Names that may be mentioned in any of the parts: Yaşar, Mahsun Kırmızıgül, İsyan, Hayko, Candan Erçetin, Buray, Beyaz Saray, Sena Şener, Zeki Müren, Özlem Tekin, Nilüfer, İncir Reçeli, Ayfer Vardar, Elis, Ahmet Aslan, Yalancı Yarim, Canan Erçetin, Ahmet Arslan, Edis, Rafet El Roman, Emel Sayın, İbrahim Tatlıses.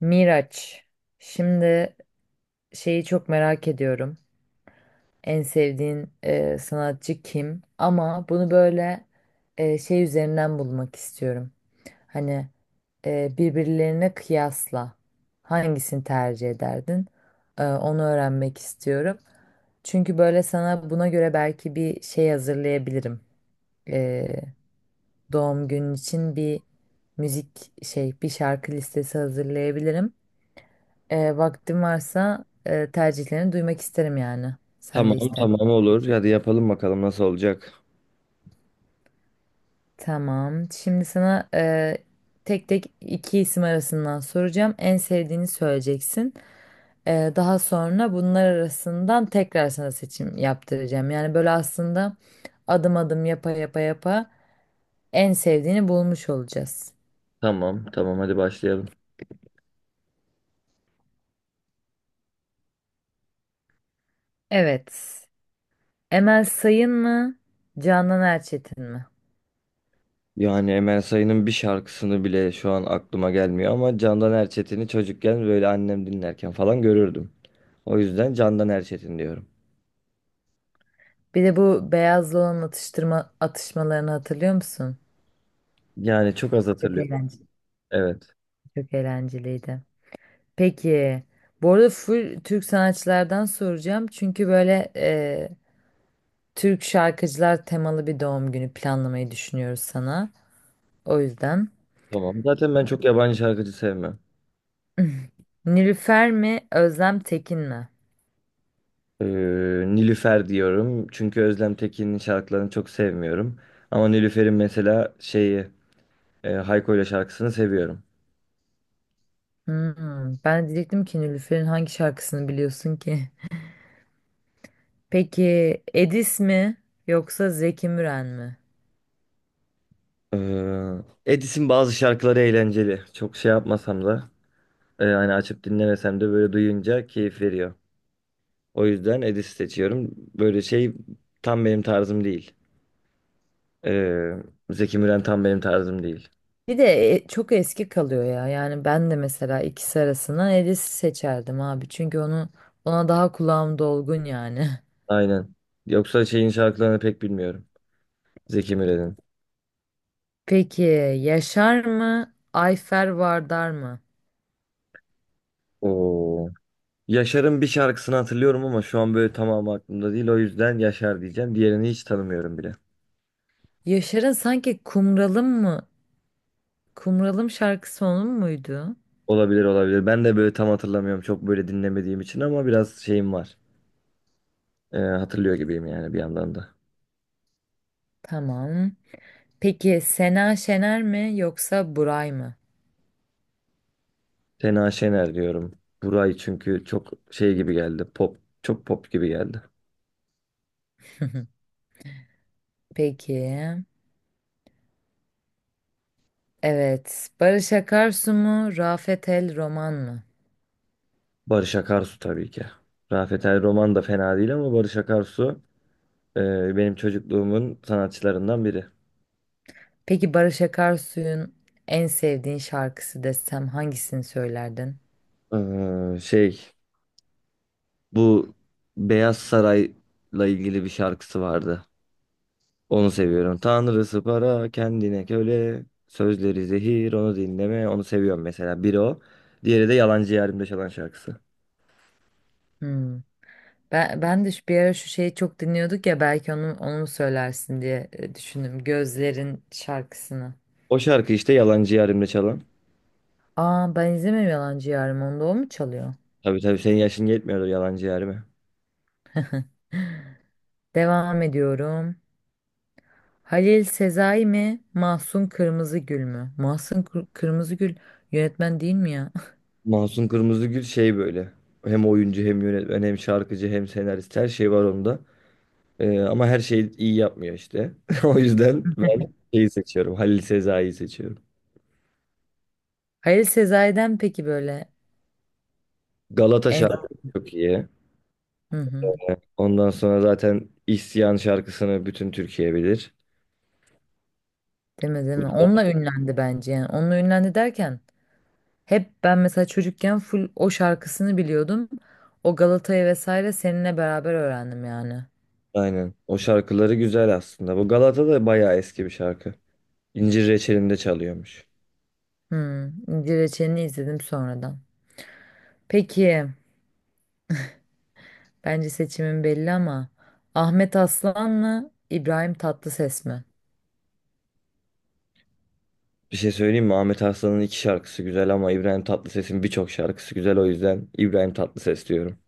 Miraç, şimdi şeyi çok merak ediyorum. En sevdiğin sanatçı kim? Ama bunu böyle şey üzerinden bulmak istiyorum. Hani birbirlerine kıyasla hangisini tercih ederdin? Onu öğrenmek istiyorum. Çünkü böyle sana buna göre belki bir şey hazırlayabilirim. E, Doğum günün için bir müzik şey, bir şarkı listesi hazırlayabilirim. Vaktim varsa tercihlerini duymak isterim yani. Sen de Tamam ister. tamam olur. Hadi yapalım bakalım nasıl olacak. Tamam. Şimdi sana tek tek iki isim arasından soracağım. En sevdiğini söyleyeceksin. Daha sonra bunlar arasından tekrar sana seçim yaptıracağım. Yani böyle aslında adım adım yapa yapa yapa en sevdiğini bulmuş olacağız. Tamam tamam hadi başlayalım. Evet. Emel Sayın mı? Canan Erçetin mi? Yani Emel Sayın'ın bir şarkısını bile şu an aklıma gelmiyor ama Candan Erçetin'i çocukken böyle annem dinlerken falan görürdüm. O yüzden Candan Erçetin diyorum. Bir de bu beyazlı olan atıştırma atışmalarını hatırlıyor musun? Yani çok az Çok hatırlıyorum. eğlenceli. Evet. Çok eğlenceliydi. Peki, bu arada full Türk sanatçılardan soracağım. Çünkü böyle Türk şarkıcılar temalı bir doğum günü planlamayı düşünüyoruz sana. O yüzden. Tamam. Zaten ben çok yabancı şarkıcı sevmem. Nilüfer mi, Özlem Tekin mi? Ee, Nilüfer diyorum. Çünkü Özlem Tekin'in şarkılarını çok sevmiyorum. Ama Nilüfer'in mesela şeyi Hayko ile şarkısını seviyorum. Hmm, ben de diyecektim ki Nilüfer'in hangi şarkısını biliyorsun ki? Peki, Edis mi yoksa Zeki Müren mi? Ee, Edis'in bazı şarkıları eğlenceli. Çok şey yapmasam da hani açıp dinlemesem de böyle duyunca keyif veriyor. O yüzden Edis seçiyorum. Böyle şey tam benim tarzım değil. Ee, Zeki Müren tam benim tarzım değil. Bir de çok eski kalıyor ya. Yani ben de mesela ikisi arasından Elis'i seçerdim abi. Çünkü ona daha kulağım dolgun yani. Aynen. Yoksa şeyin şarkılarını pek bilmiyorum. Zeki Müren'in. Peki Yaşar mı? Ayfer Vardar mı? Oo. Yaşar'ın bir şarkısını hatırlıyorum ama şu an böyle tamamı aklımda değil. O yüzden Yaşar diyeceğim. Diğerini hiç tanımıyorum bile. Yaşar'ın sanki Kumralım mı? Kumralım şarkısı onun muydu? Olabilir olabilir. Ben de böyle tam hatırlamıyorum. Çok böyle dinlemediğim için ama biraz şeyim var. Hatırlıyor gibiyim yani bir yandan da. Tamam. Peki Sena Şener mi yoksa Buray mı? Sena Şener diyorum. Buray çünkü çok şey gibi geldi. Pop, çok pop gibi geldi. Peki. Evet. Barış Akarsu mu? Rafet El Roman mı? Barış Akarsu tabii ki. Rafet El Roman da fena değil ama Barış Akarsu benim çocukluğumun sanatçılarından biri. Peki Barış Akarsu'nun en sevdiğin şarkısı desem hangisini söylerdin? Şey, bu Beyaz Saray'la ilgili bir şarkısı vardı. Onu seviyorum. Tanrısı para kendine köle sözleri zehir onu dinleme onu seviyorum mesela. Biri o. Diğeri de Yalancı Yarimde çalan şarkısı. Hmm. Ben de bir ara şu şeyi çok dinliyorduk ya belki onu mu söylersin diye düşündüm. Gözlerin şarkısını. O şarkı işte Yalancı Yarim'de çalan. Aa ben izlemiyorum Yalancı Yarım onda o mu çalıyor? Tabii tabii senin yaşın yetmiyordur Yalancı Yarim'e. Devam ediyorum. Halil Sezai mi? Mahsun Kırmızıgül mü? Kırmızıgül yönetmen değil mi ya? Mahsun Kırmızıgül şey böyle. Hem oyuncu hem yönetmen hem şarkıcı hem senarist her şey var onda. Ama her şeyi iyi yapmıyor işte. O yüzden ben şeyi seçiyorum. Halil Sezai'yi seçiyorum. Halil Sezai'den peki böyle Galata en... şarkısı çok iyi. Hı hı. Ondan sonra zaten İsyan şarkısını bütün Türkiye bilir. Deme deme. Burada. Onunla ünlendi bence yani. Onunla ünlendi derken hep ben mesela çocukken full o şarkısını biliyordum. O Galata'yı vesaire seninle beraber öğrendim yani. Aynen. O şarkıları güzel aslında. Bu Galata da bayağı eski bir şarkı. İncir Reçeli'nde çalıyormuş. Hmm, İnci Reçeli'ni izledim sonradan. Peki, bence seçimin belli ama Ahmet Aslan mı, İbrahim Tatlıses mi? Bir şey söyleyeyim mi? Ahmet Arslan'ın iki şarkısı güzel ama İbrahim Tatlıses'in birçok şarkısı güzel. O yüzden İbrahim Tatlıses diyorum.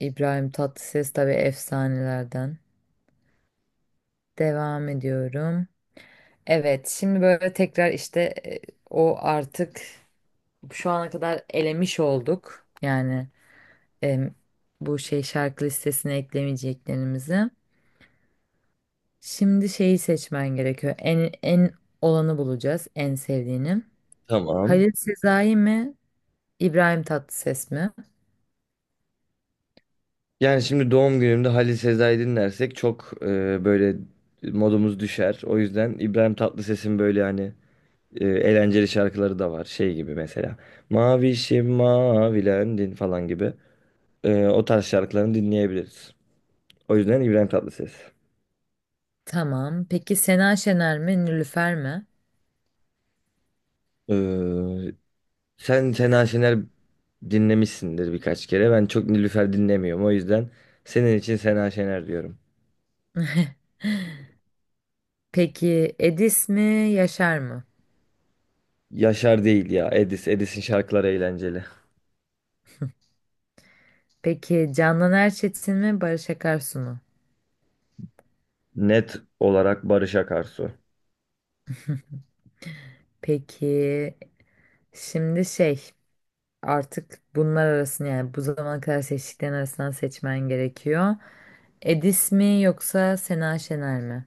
İbrahim Tatlıses tabii efsanelerden. Devam ediyorum. Evet, şimdi böyle tekrar işte o artık şu ana kadar elemiş olduk. Yani em, bu şey şarkı listesine eklemeyeceklerimizi. Şimdi şeyi seçmen gerekiyor. En olanı bulacağız, en sevdiğini. Tamam. Halil Sezai mi, İbrahim Tatlıses mi? Yani şimdi doğum günümde Halil Sezai dinlersek çok böyle modumuz düşer. O yüzden İbrahim Tatlıses'in böyle hani eğlenceli şarkıları da var. Şey gibi mesela. Mavişim mavilendin falan gibi. O tarz şarkılarını dinleyebiliriz. O yüzden İbrahim Tatlıses. Tamam. Peki Sena Şener mi, Nilüfer mi? Ee, Sen Sena Şener dinlemişsindir birkaç kere. Ben çok Nilüfer dinlemiyorum. O yüzden senin için Sena Şener diyorum. Peki Edis mi, Yaşar mı? Yaşar değil ya. Edis. Edis'in şarkıları eğlenceli. Peki Candan Erçetin mi, Barış Akarsu mu? Net olarak Barış Akarsu. Peki şimdi şey artık bunlar arasında yani bu zamana kadar seçtiklerin arasından seçmen gerekiyor. Edis mi yoksa Sena Şener mi?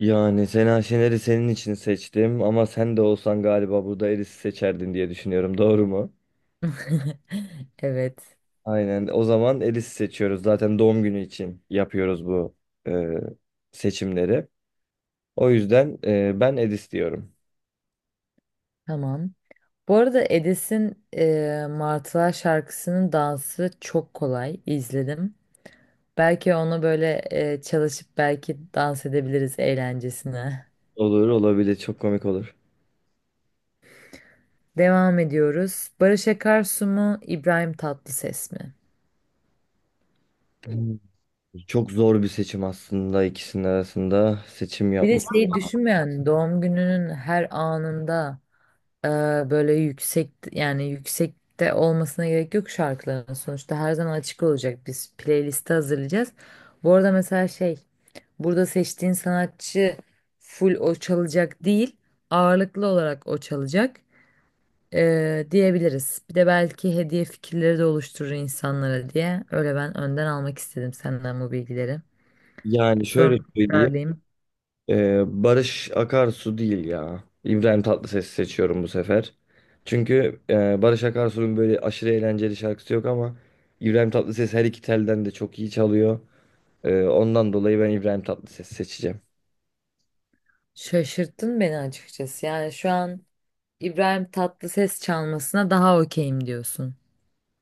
Yani Sena Şener'i senin için seçtim ama sen de olsan galiba burada Edis'i seçerdin diye düşünüyorum. Doğru mu? Evet. Aynen. O zaman Edis'i seçiyoruz. Zaten doğum günü için yapıyoruz bu e, seçimleri. O yüzden ben Edis diyorum. Tamam. Bu arada Edis'in Martılar şarkısının dansı çok kolay. İzledim. Belki onu böyle çalışıp belki dans edebiliriz eğlencesine. Olur olabilir. Çok komik olur. Devam ediyoruz. Barış Akarsu mu, İbrahim Tatlıses mi? Çok zor bir seçim aslında ikisinin arasında seçim Bir de yapmak. şeyi düşünmeyen doğum gününün her anında e, böyle yüksek yani yüksekte olmasına gerek yok şarkıların sonuçta her zaman açık olacak biz playlisti hazırlayacağız. Bu arada mesela şey burada seçtiğin sanatçı full o çalacak değil ağırlıklı olarak o çalacak diyebiliriz. Bir de belki hediye fikirleri de oluşturur insanlara diye öyle ben önden almak istedim senden bu bilgileri. Yani Sonra şöyle söyleyeyim. tekrarlayayım. Barış Akarsu değil ya. İbrahim Tatlıses'i seçiyorum bu sefer. Çünkü Barış Akarsu'nun böyle aşırı eğlenceli şarkısı yok ama İbrahim Tatlıses her iki telden de çok iyi çalıyor. Ondan dolayı ben İbrahim Tatlıses'i seçeceğim. Şaşırttın beni açıkçası yani şu an İbrahim Tatlıses çalmasına daha okeyim diyorsun.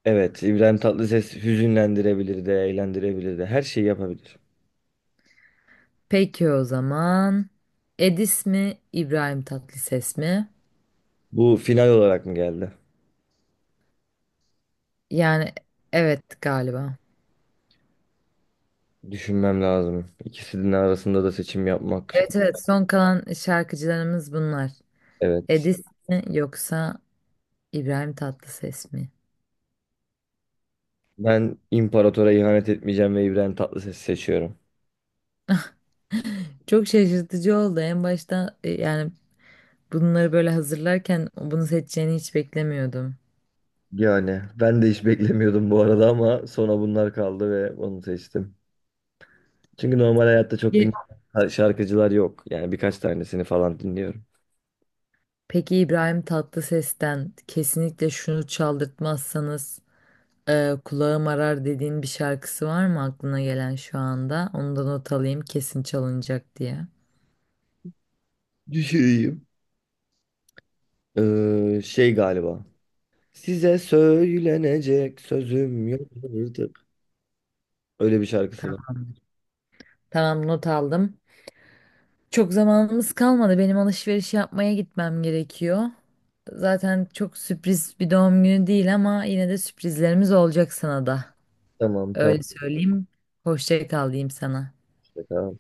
Evet, İbrahim Tatlıses hüzünlendirebilir de, eğlendirebilir de, her şeyi yapabilir. Peki o zaman. Edis mi, İbrahim Tatlıses mi? Bu final olarak mı geldi? Yani evet galiba. Düşünmem lazım. İkisinin arasında da seçim yapmak. Evet evet son kalan şarkıcılarımız bunlar. Evet. Edis mi yoksa İbrahim Tatlıses mi? Ben imparatora ihanet etmeyeceğim ve İbrahim Tatlıses'i seçiyorum. Çok şaşırtıcı oldu. En başta yani bunları böyle hazırlarken bunu seçeceğini hiç beklemiyordum. Yani ben de hiç beklemiyordum bu arada ama sonra bunlar kaldı ve onu seçtim. Çünkü normal hayatta çok din Ye- şarkıcılar yok. Yani birkaç tanesini falan dinliyorum. Peki İbrahim Tatlıses'ten kesinlikle şunu çaldırtmazsanız kulağım arar dediğin bir şarkısı var mı aklına gelen şu anda? Onu da not alayım kesin çalınacak diye. Düşüreyim. Şey galiba. Size söylenecek sözüm yok artık. Öyle bir şarkısı var. Tamam, tamam not aldım. Çok zamanımız kalmadı. Benim alışveriş yapmaya gitmem gerekiyor. Zaten çok sürpriz bir doğum günü değil ama yine de sürprizlerimiz olacak sana da. Tamam Öyle söyleyeyim. Hoşça kal diyeyim sana. işte, tamam.